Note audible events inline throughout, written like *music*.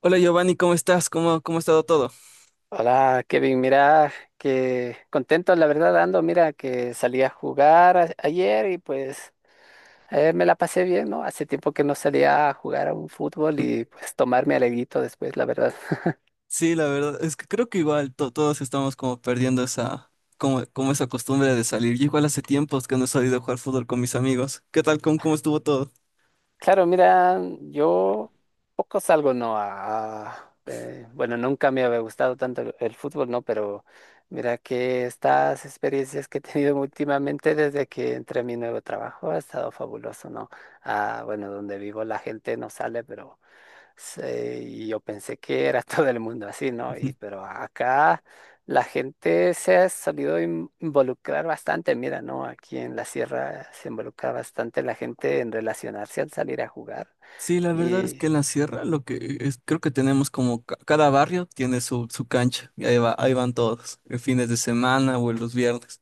Hola Giovanni, ¿cómo estás? ¿Cómo ha estado todo? Hola, Kevin, mira, que contento, la verdad, ando, mira, que salí a ayer y pues me la pasé bien, ¿no? Hace tiempo que no salía a jugar a un fútbol y pues tomarme alegrito después, la verdad. *laughs* Sí, la verdad, es que creo que igual todos estamos como perdiendo esa, como esa costumbre de salir. Yo igual hace tiempos que no he salido a jugar fútbol con mis amigos. ¿Qué tal? ¿Cómo estuvo todo? Claro, mira, yo poco salgo, ¿no? A, bueno, nunca me había gustado tanto el fútbol, ¿no? Pero mira que estas experiencias que he tenido últimamente desde que entré a mi nuevo trabajo ha estado fabuloso, ¿no? Ah, bueno, donde vivo la gente no sale, pero... Sí, y yo pensé que era *laughs* todo el mundo así, ¿no? Ujú. Y, pero acá la gente se ha solido involucrar bastante, mira, ¿no? Aquí en la sierra se involucra bastante la gente en relacionarse al salir a jugar. Sí, la verdad es Y que en la sierra lo que es, creo que tenemos como cada barrio tiene su, su cancha y ahí va, ahí van todos, en fines de semana o en los viernes.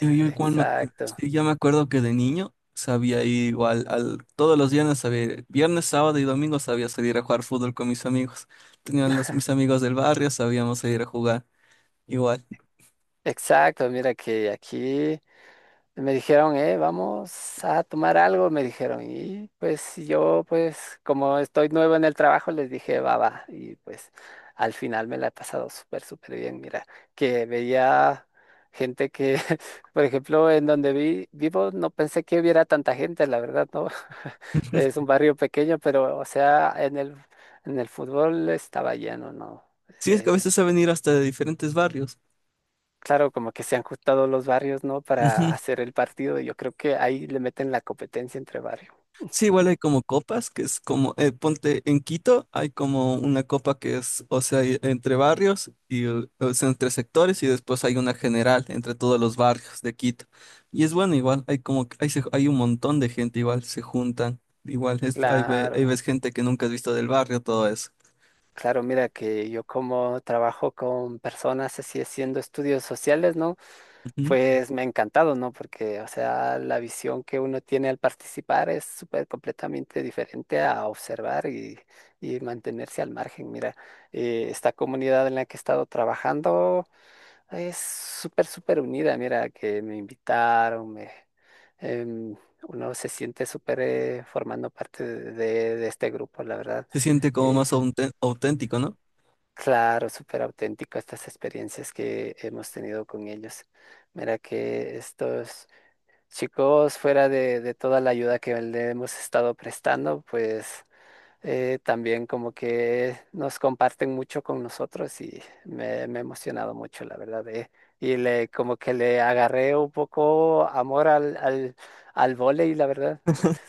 Yo igual me, exacto, sí, yo me acuerdo que de niño sabía ir igual al, todos los viernes sabía, viernes, sábado y domingo sabía salir a jugar fútbol con mis amigos. Tenían los, mis amigos del barrio, sabíamos salir a jugar igual. exacto, mira que aquí me dijeron, vamos a tomar algo, me dijeron. Y pues si yo, pues como estoy nuevo en el trabajo, les dije, va, va. Y pues al final me la he pasado súper, súper bien. Mira, que veía gente que, *laughs* por ejemplo, en donde vivo, no pensé que hubiera tanta gente, la verdad, ¿no? *laughs* Es un barrio pequeño, pero, o sea, en el fútbol estaba lleno, ¿no? Sí, es que a Eh, veces saben ir hasta de diferentes barrios. claro, como que se han juntado los barrios, ¿no? Para hacer el partido. Yo creo que ahí le meten la competencia entre barrios. Sí, igual hay como copas, que es como, ponte en Quito, hay como una copa que es, o sea, entre barrios y o sea, entre sectores y después hay una general entre todos los barrios de Quito. Y es bueno, igual, hay como, hay, hay un montón de gente, igual, se juntan, igual, es, hay, ahí Claro, ves gente que nunca has visto del barrio, todo eso. claro, mira que yo como trabajo con personas así haciendo estudios sociales, ¿no? Ujú. Pues me ha encantado, ¿no? Porque, o sea, la visión que uno tiene al participar es súper completamente diferente a observar y mantenerse al margen. Mira, esta comunidad en la que he estado trabajando es súper, súper unida. Mira, que me invitaron, em, uno se siente súper formando parte de, de este grupo, la verdad. Se siente como Eh, más auténtico, ¿no? claro, súper auténtico estas experiencias que hemos tenido con ellos. Mira que estos chicos, fuera de toda la ayuda que le hemos estado prestando, pues también como que nos comparten mucho con nosotros y me he emocionado mucho, la verdad. Y le, como que le agarré un poco amor al, al, al vóley, la verdad. Es-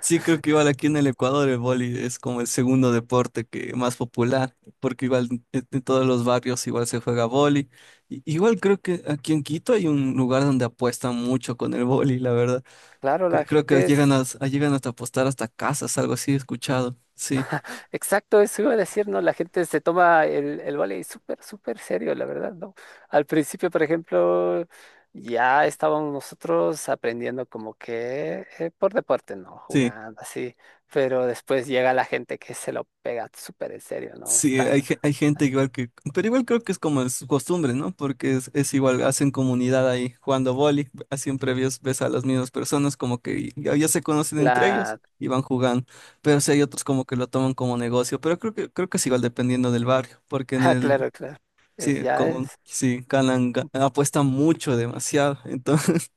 Sí, creo que igual aquí en el Ecuador el vóley es como el segundo deporte que más popular, porque igual en todos los barrios igual se juega vóley. Igual creo que aquí en Quito hay un lugar donde apuestan mucho con el vóley, la verdad. Claro, la Creo que gente llegan a, llegan hasta apostar hasta casas, algo así, he escuchado. Sí, exacto, eso iba a decir, ¿no? La gente se toma el vóley súper, súper serio, la verdad, ¿no? Al principio, por ejemplo, ya estábamos nosotros aprendiendo como que por deporte, ¿no? sí. Jugando así, pero después llega la gente que se lo pega súper en serio, ¿no? Sí, hay, Están, hay gente igual que, pero igual creo que es como es su costumbre, ¿no? Porque es igual, hacen comunidad ahí jugando vóley, siempre ves, ves a las mismas personas como que ya, ya se conocen entre ellos la... *laughs* y van jugando, pero sí hay otros como que lo toman como negocio, pero creo que es igual dependiendo del barrio, porque en Ah, el, claro, claro. Es, sí, ya como, es sí, ganan, apuestan mucho, demasiado, entonces,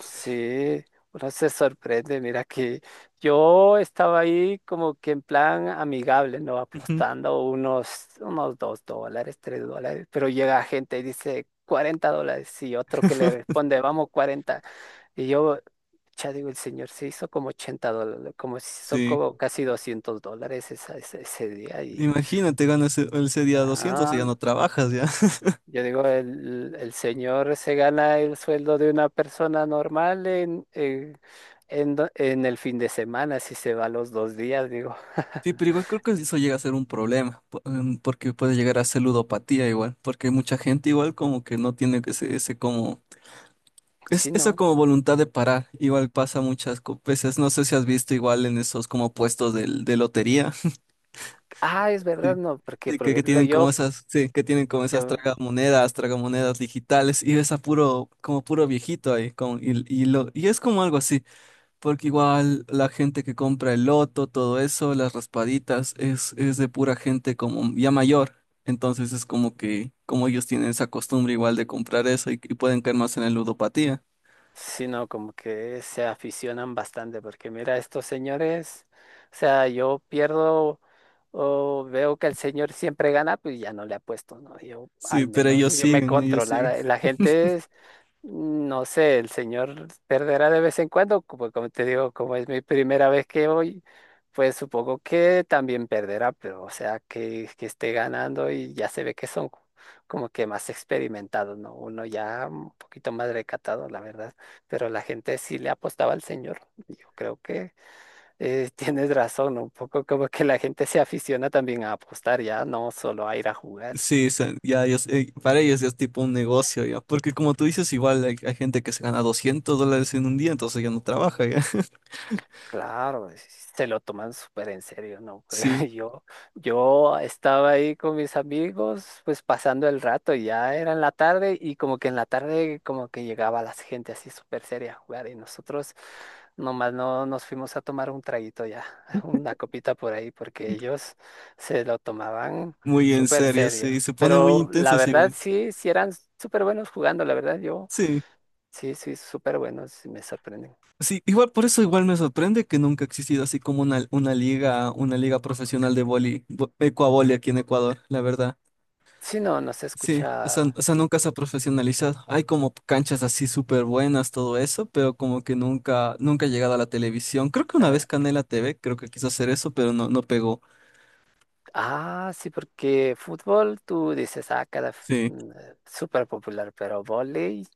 sí, uno se sorprende, mira que yo estaba ahí como que en plan amigable, ¿no? *laughs* Apostando unos $2, $3, pero llega gente y dice $40 y otro que le ujú, responde, vamos 40. Y yo, ya digo, el señor se hizo como $80, como se hizo sí, como casi $200 ese día y, imagínate, ganas ese, ese día 200 y ya ah, no trabajas. yo digo, el señor se gana el sueldo de una persona normal en, en el fin de semana, si se va los dos días, digo. Sí, pero *laughs* igual creo que eso llega a ser un problema, porque puede llegar a ser ludopatía igual, porque mucha gente igual como que no tiene ese, ese como, es, Sí, esa no. como voluntad de parar, igual pasa muchas veces, no sé si has visto igual en esos como puestos de lotería, *laughs* Ah, es verdad, sí, no, porque sí, por que ejemplo tienen como yo, esas, sí, que tienen como esas yo, tragamonedas, tragamonedas digitales, y ves a puro, como puro viejito ahí, con, y, lo, y es como algo así. Porque igual la gente que compra el loto, todo eso, las raspaditas, es de pura gente como ya mayor. Entonces es como que, como ellos tienen esa costumbre igual de comprar eso y pueden caer más en la ludopatía. sí, no, como que se aficionan bastante, porque mira, estos señores, o sea, yo pierdo o veo que el señor siempre gana, pues ya no le apuesto, ¿no? Yo Sí, al pero menos ellos yo me siguen, ellos siguen. controlara. La gente no sé, el señor perderá de vez en cuando, como, como te digo, como es mi primera vez que voy, pues supongo que también perderá, pero o sea, que esté ganando y ya se ve que son como que más experimentados, ¿no? Uno ya un poquito más recatado, la verdad, pero la gente sí le apostaba al señor. Yo creo que *laughs* tienes razón, ¿no? Un poco como que la gente se aficiona también a apostar, ya no solo a ir a jugar. Sí, o sea, ya ellos, para ellos ya es tipo un negocio ya. Porque como tú dices, igual hay, hay gente que se gana 200 dólares en un día, entonces ya no trabaja ya. *laughs* Claro, se lo toman súper en serio, ¿no? Sí, *laughs* yo, yo estaba ahí con mis amigos, pues pasando el rato, y ya era en la tarde y como que en la tarde como que llegaba la gente así súper seria a jugar y nosotros nomás no nos fuimos a tomar un traguito ya, *laughs* una copita por ahí, porque ellos se lo tomaban muy en súper serio, serio. sí, se pone muy Pero la intensos verdad igual. sí, sí eran súper buenos jugando, la verdad yo Sí. sí, sí, súper buenos, me sorprenden. Sí, igual por eso igual me sorprende que nunca ha existido así como una liga profesional de vóley, ecuavóley aquí en Ecuador, la verdad. Sí, no, no se Sí, escucha. o sea, nunca se ha profesionalizado. Hay como canchas así súper buenas, todo eso, pero como que nunca, nunca ha llegado a la televisión. Creo que una vez Canela TV, creo que quiso hacer eso, pero no, no pegó. Ah, sí, porque fútbol tú dices, ah, Sí. Súper popular, pero vóley,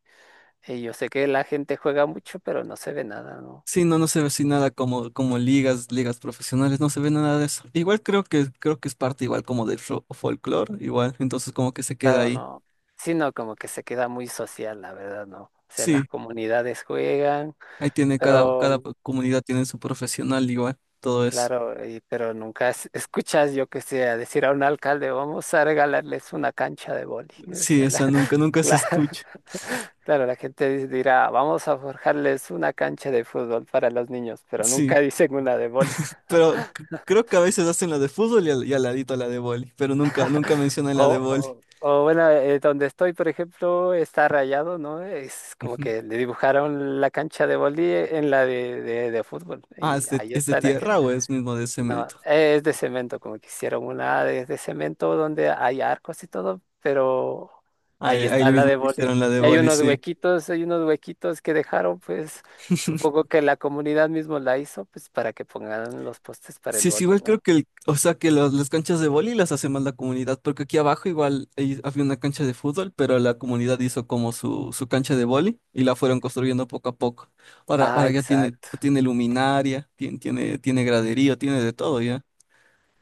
yo sé que la gente juega mucho, pero no se ve nada, ¿no? Sí, no, no se ve así nada como, como ligas, ligas profesionales, no se ve nada de eso. Igual creo que es parte igual como del folklore igual, entonces como que se queda Claro, ahí. no. Sino como que se queda muy social, la verdad, ¿no? O sea, las Sí, comunidades juegan, ahí tiene cada, pero cada comunidad tiene su profesional igual, todo eso. claro, pero nunca escuchas, yo que sé, a decir a un alcalde, vamos a regalarles una cancha de vóley. Sí, esa nunca, *laughs* nunca O sea, se Cla- escucha. *laughs* claro, la gente dirá, vamos a forjarles una cancha de fútbol para los niños, pero Sí, nunca *laughs* dicen una de boli. pero creo que a veces hacen la de fútbol y al ladito la de vóley, pero nunca, nunca mencionan la de vóley. O bueno, donde estoy, por ejemplo, está rayado, ¿no? Es como Ujú. que le dibujaron la cancha de boli en la de fútbol Ah, y ahí es de está la tierra gente. o es mismo de No, cemento? es de cemento, como que hicieron una de cemento donde hay arcos y todo, pero Ahí, ahí ahí está la mismo de le boli. hicieron la de Y vóley, sí. Hay unos huequitos que dejaron, pues supongo que la comunidad mismo la hizo, pues para que pongan los postes para el Sí, es boli, igual creo ¿no? que el, o sea que las canchas de vóley las hace más la comunidad, porque aquí abajo igual había una cancha de fútbol, pero la comunidad hizo como su cancha de vóley y la fueron construyendo poco a poco. Ahora, Ah, ahora ya tiene, exacto, tiene luminaria, tiene, tiene, tiene graderío, tiene de todo ya.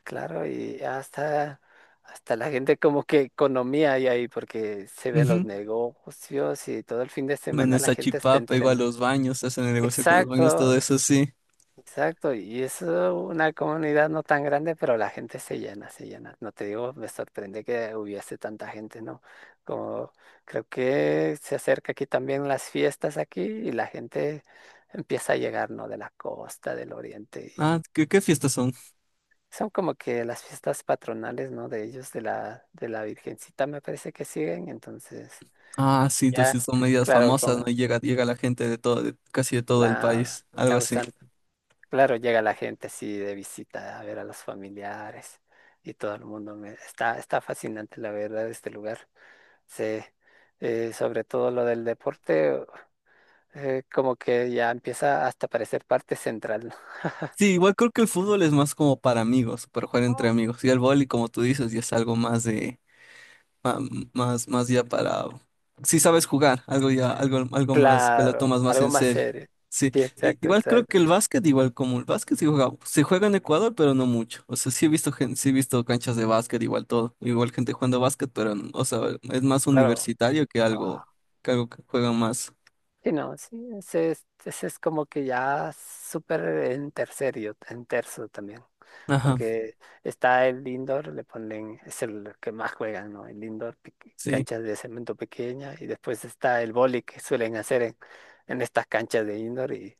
claro, y hasta, hasta la gente como que economía hay ahí, porque se ven Ujú. los negocios y todo el fin de En semana la esa gente está chipapa, igual entrenando. los baños, hacen el negocio con los baños, Exacto, todo eso, sí. exacto, y es una comunidad no tan grande, pero la gente se llena, se llena. No te digo, me sorprende que hubiese tanta gente, ¿no? Como creo que se acerca aquí también las fiestas aquí y la gente empieza a llegar, ¿no? De la costa, del oriente. Ah, ¿qué, qué fiestas son? Son como que las fiestas patronales, ¿no? De ellos, de la Virgencita, me parece que siguen. Entonces, Ah, sí, ya, entonces sí son medidas claro, famosas, ¿no? como Y llega, llega la gente de todo, casi de todo el la país, algo así. claro, llega la gente así de visita a ver a los familiares y todo el mundo me está, está fascinante la verdad este lugar. Sí, sobre todo lo del deporte, como que ya empieza hasta a parecer parte central, Sí, igual creo que el fútbol es más como para amigos, para jugar entre ¿no? amigos. Y el vóley, como tú dices, ya es algo más de, ma- más, más ya para, si sabes jugar, algo ya, algo, algo más que lo Claro, tomas más algo en más serio. serio. Sí, Sí, exacto, igual creo exacto. que el básquet, igual como el básquet se juega en Ecuador, pero no mucho. O sea, sí he visto sí he visto canchas de básquet, igual todo, igual gente jugando básquet, pero, o sea, es más Claro. universitario que algo, que algo que juegan más. Sí, no, sí, ese es como que ya súper en tercerio, en terzo también, Ajá. porque está el indoor, le ponen, es el que más juegan, ¿no? El indoor, Sí. canchas de cemento pequeña, y después está el vóley que suelen hacer en estas canchas de indoor,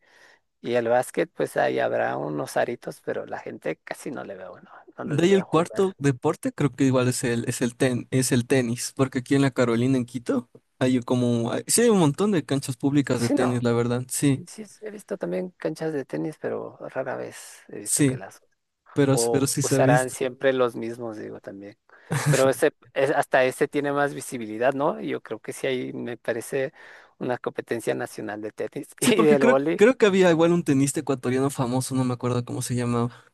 y el básquet, pues ahí habrá unos aritos, pero la gente casi no le veo, ¿no? No De le ahí veo el cuarto jugar. deporte, creo que igual es el, es el es el tenis, porque aquí en la Carolina, en Quito, hay como, sí hay un montón de canchas públicas de Sí, tenis, no, la verdad, sí, sí, sí, he visto también canchas de tenis, pero rara vez he visto que sí, las pero o sí se ha usarán visto. siempre los mismos, digo también. Pero ese, *laughs* hasta ese tiene más visibilidad, ¿no? Yo creo que sí ahí me parece una competencia nacional de tenis *laughs* Sí, y porque del creo, vóley. creo que había igual un tenista ecuatoriano famoso, no me acuerdo cómo se llamaba.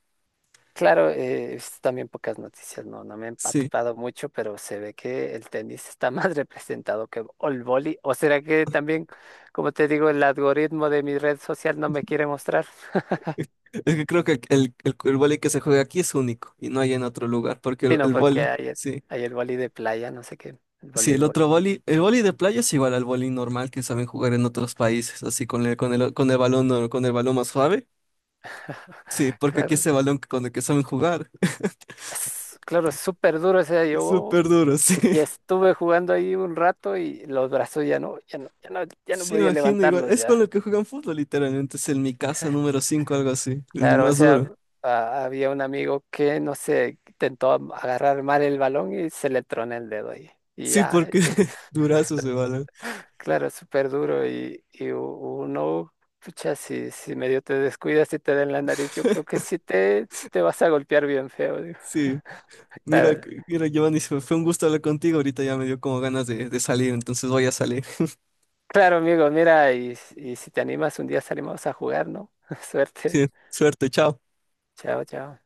Claro, he visto también pocas noticias, no, no me he Sí, empapado mucho, pero se ve que el tenis está más *laughs* representado que el vóley. ¿O será que también, como te digo, el algoritmo de mi red social no me quiere mostrar? *laughs* es que creo que el vóley que se juega aquí es único y no hay en otro lugar, porque Sino el porque vóley, hay, sí. hay el vóley de playa, no sé qué, el Sí, el voleibol. otro vóley, el vóley de playa es igual al vóley normal que saben jugar en otros países, así con el, con el, con el balón, no, con el balón más suave. Sí, *laughs* porque aquí Claro. ese balón con el que saben jugar *laughs* Claro, es súper duro ese día. es Yo súper duro, sí. y estuve jugando ahí un rato y los brazos ya no, ya no, ya no, ya no Sí, podía imagino igual. levantarlos Es con ya. el que juegan fútbol, literalmente. Es el mi casa número 5 algo así. El Claro, o más sea, duro. Había un amigo que, no sé, intentó agarrar mal el balón y se le tronó el dedo ahí. Y Sí, ya, porque *laughs* durazos de balón. *laughs* claro, es súper duro y, uno, pucha, si, si medio te descuidas y te den la nariz, yo creo que sí te vas a golpear bien feo. Digo. *laughs* Sí. Mira, Claro, mira, Giovanni, fue un gusto hablar contigo. Ahorita ya me dio como ganas de salir, entonces voy a salir. *laughs* claro, amigo, mira, y si te animas un día salimos a jugar, ¿no? *laughs* Suerte. Sí, suerte, chao. Chao, chao.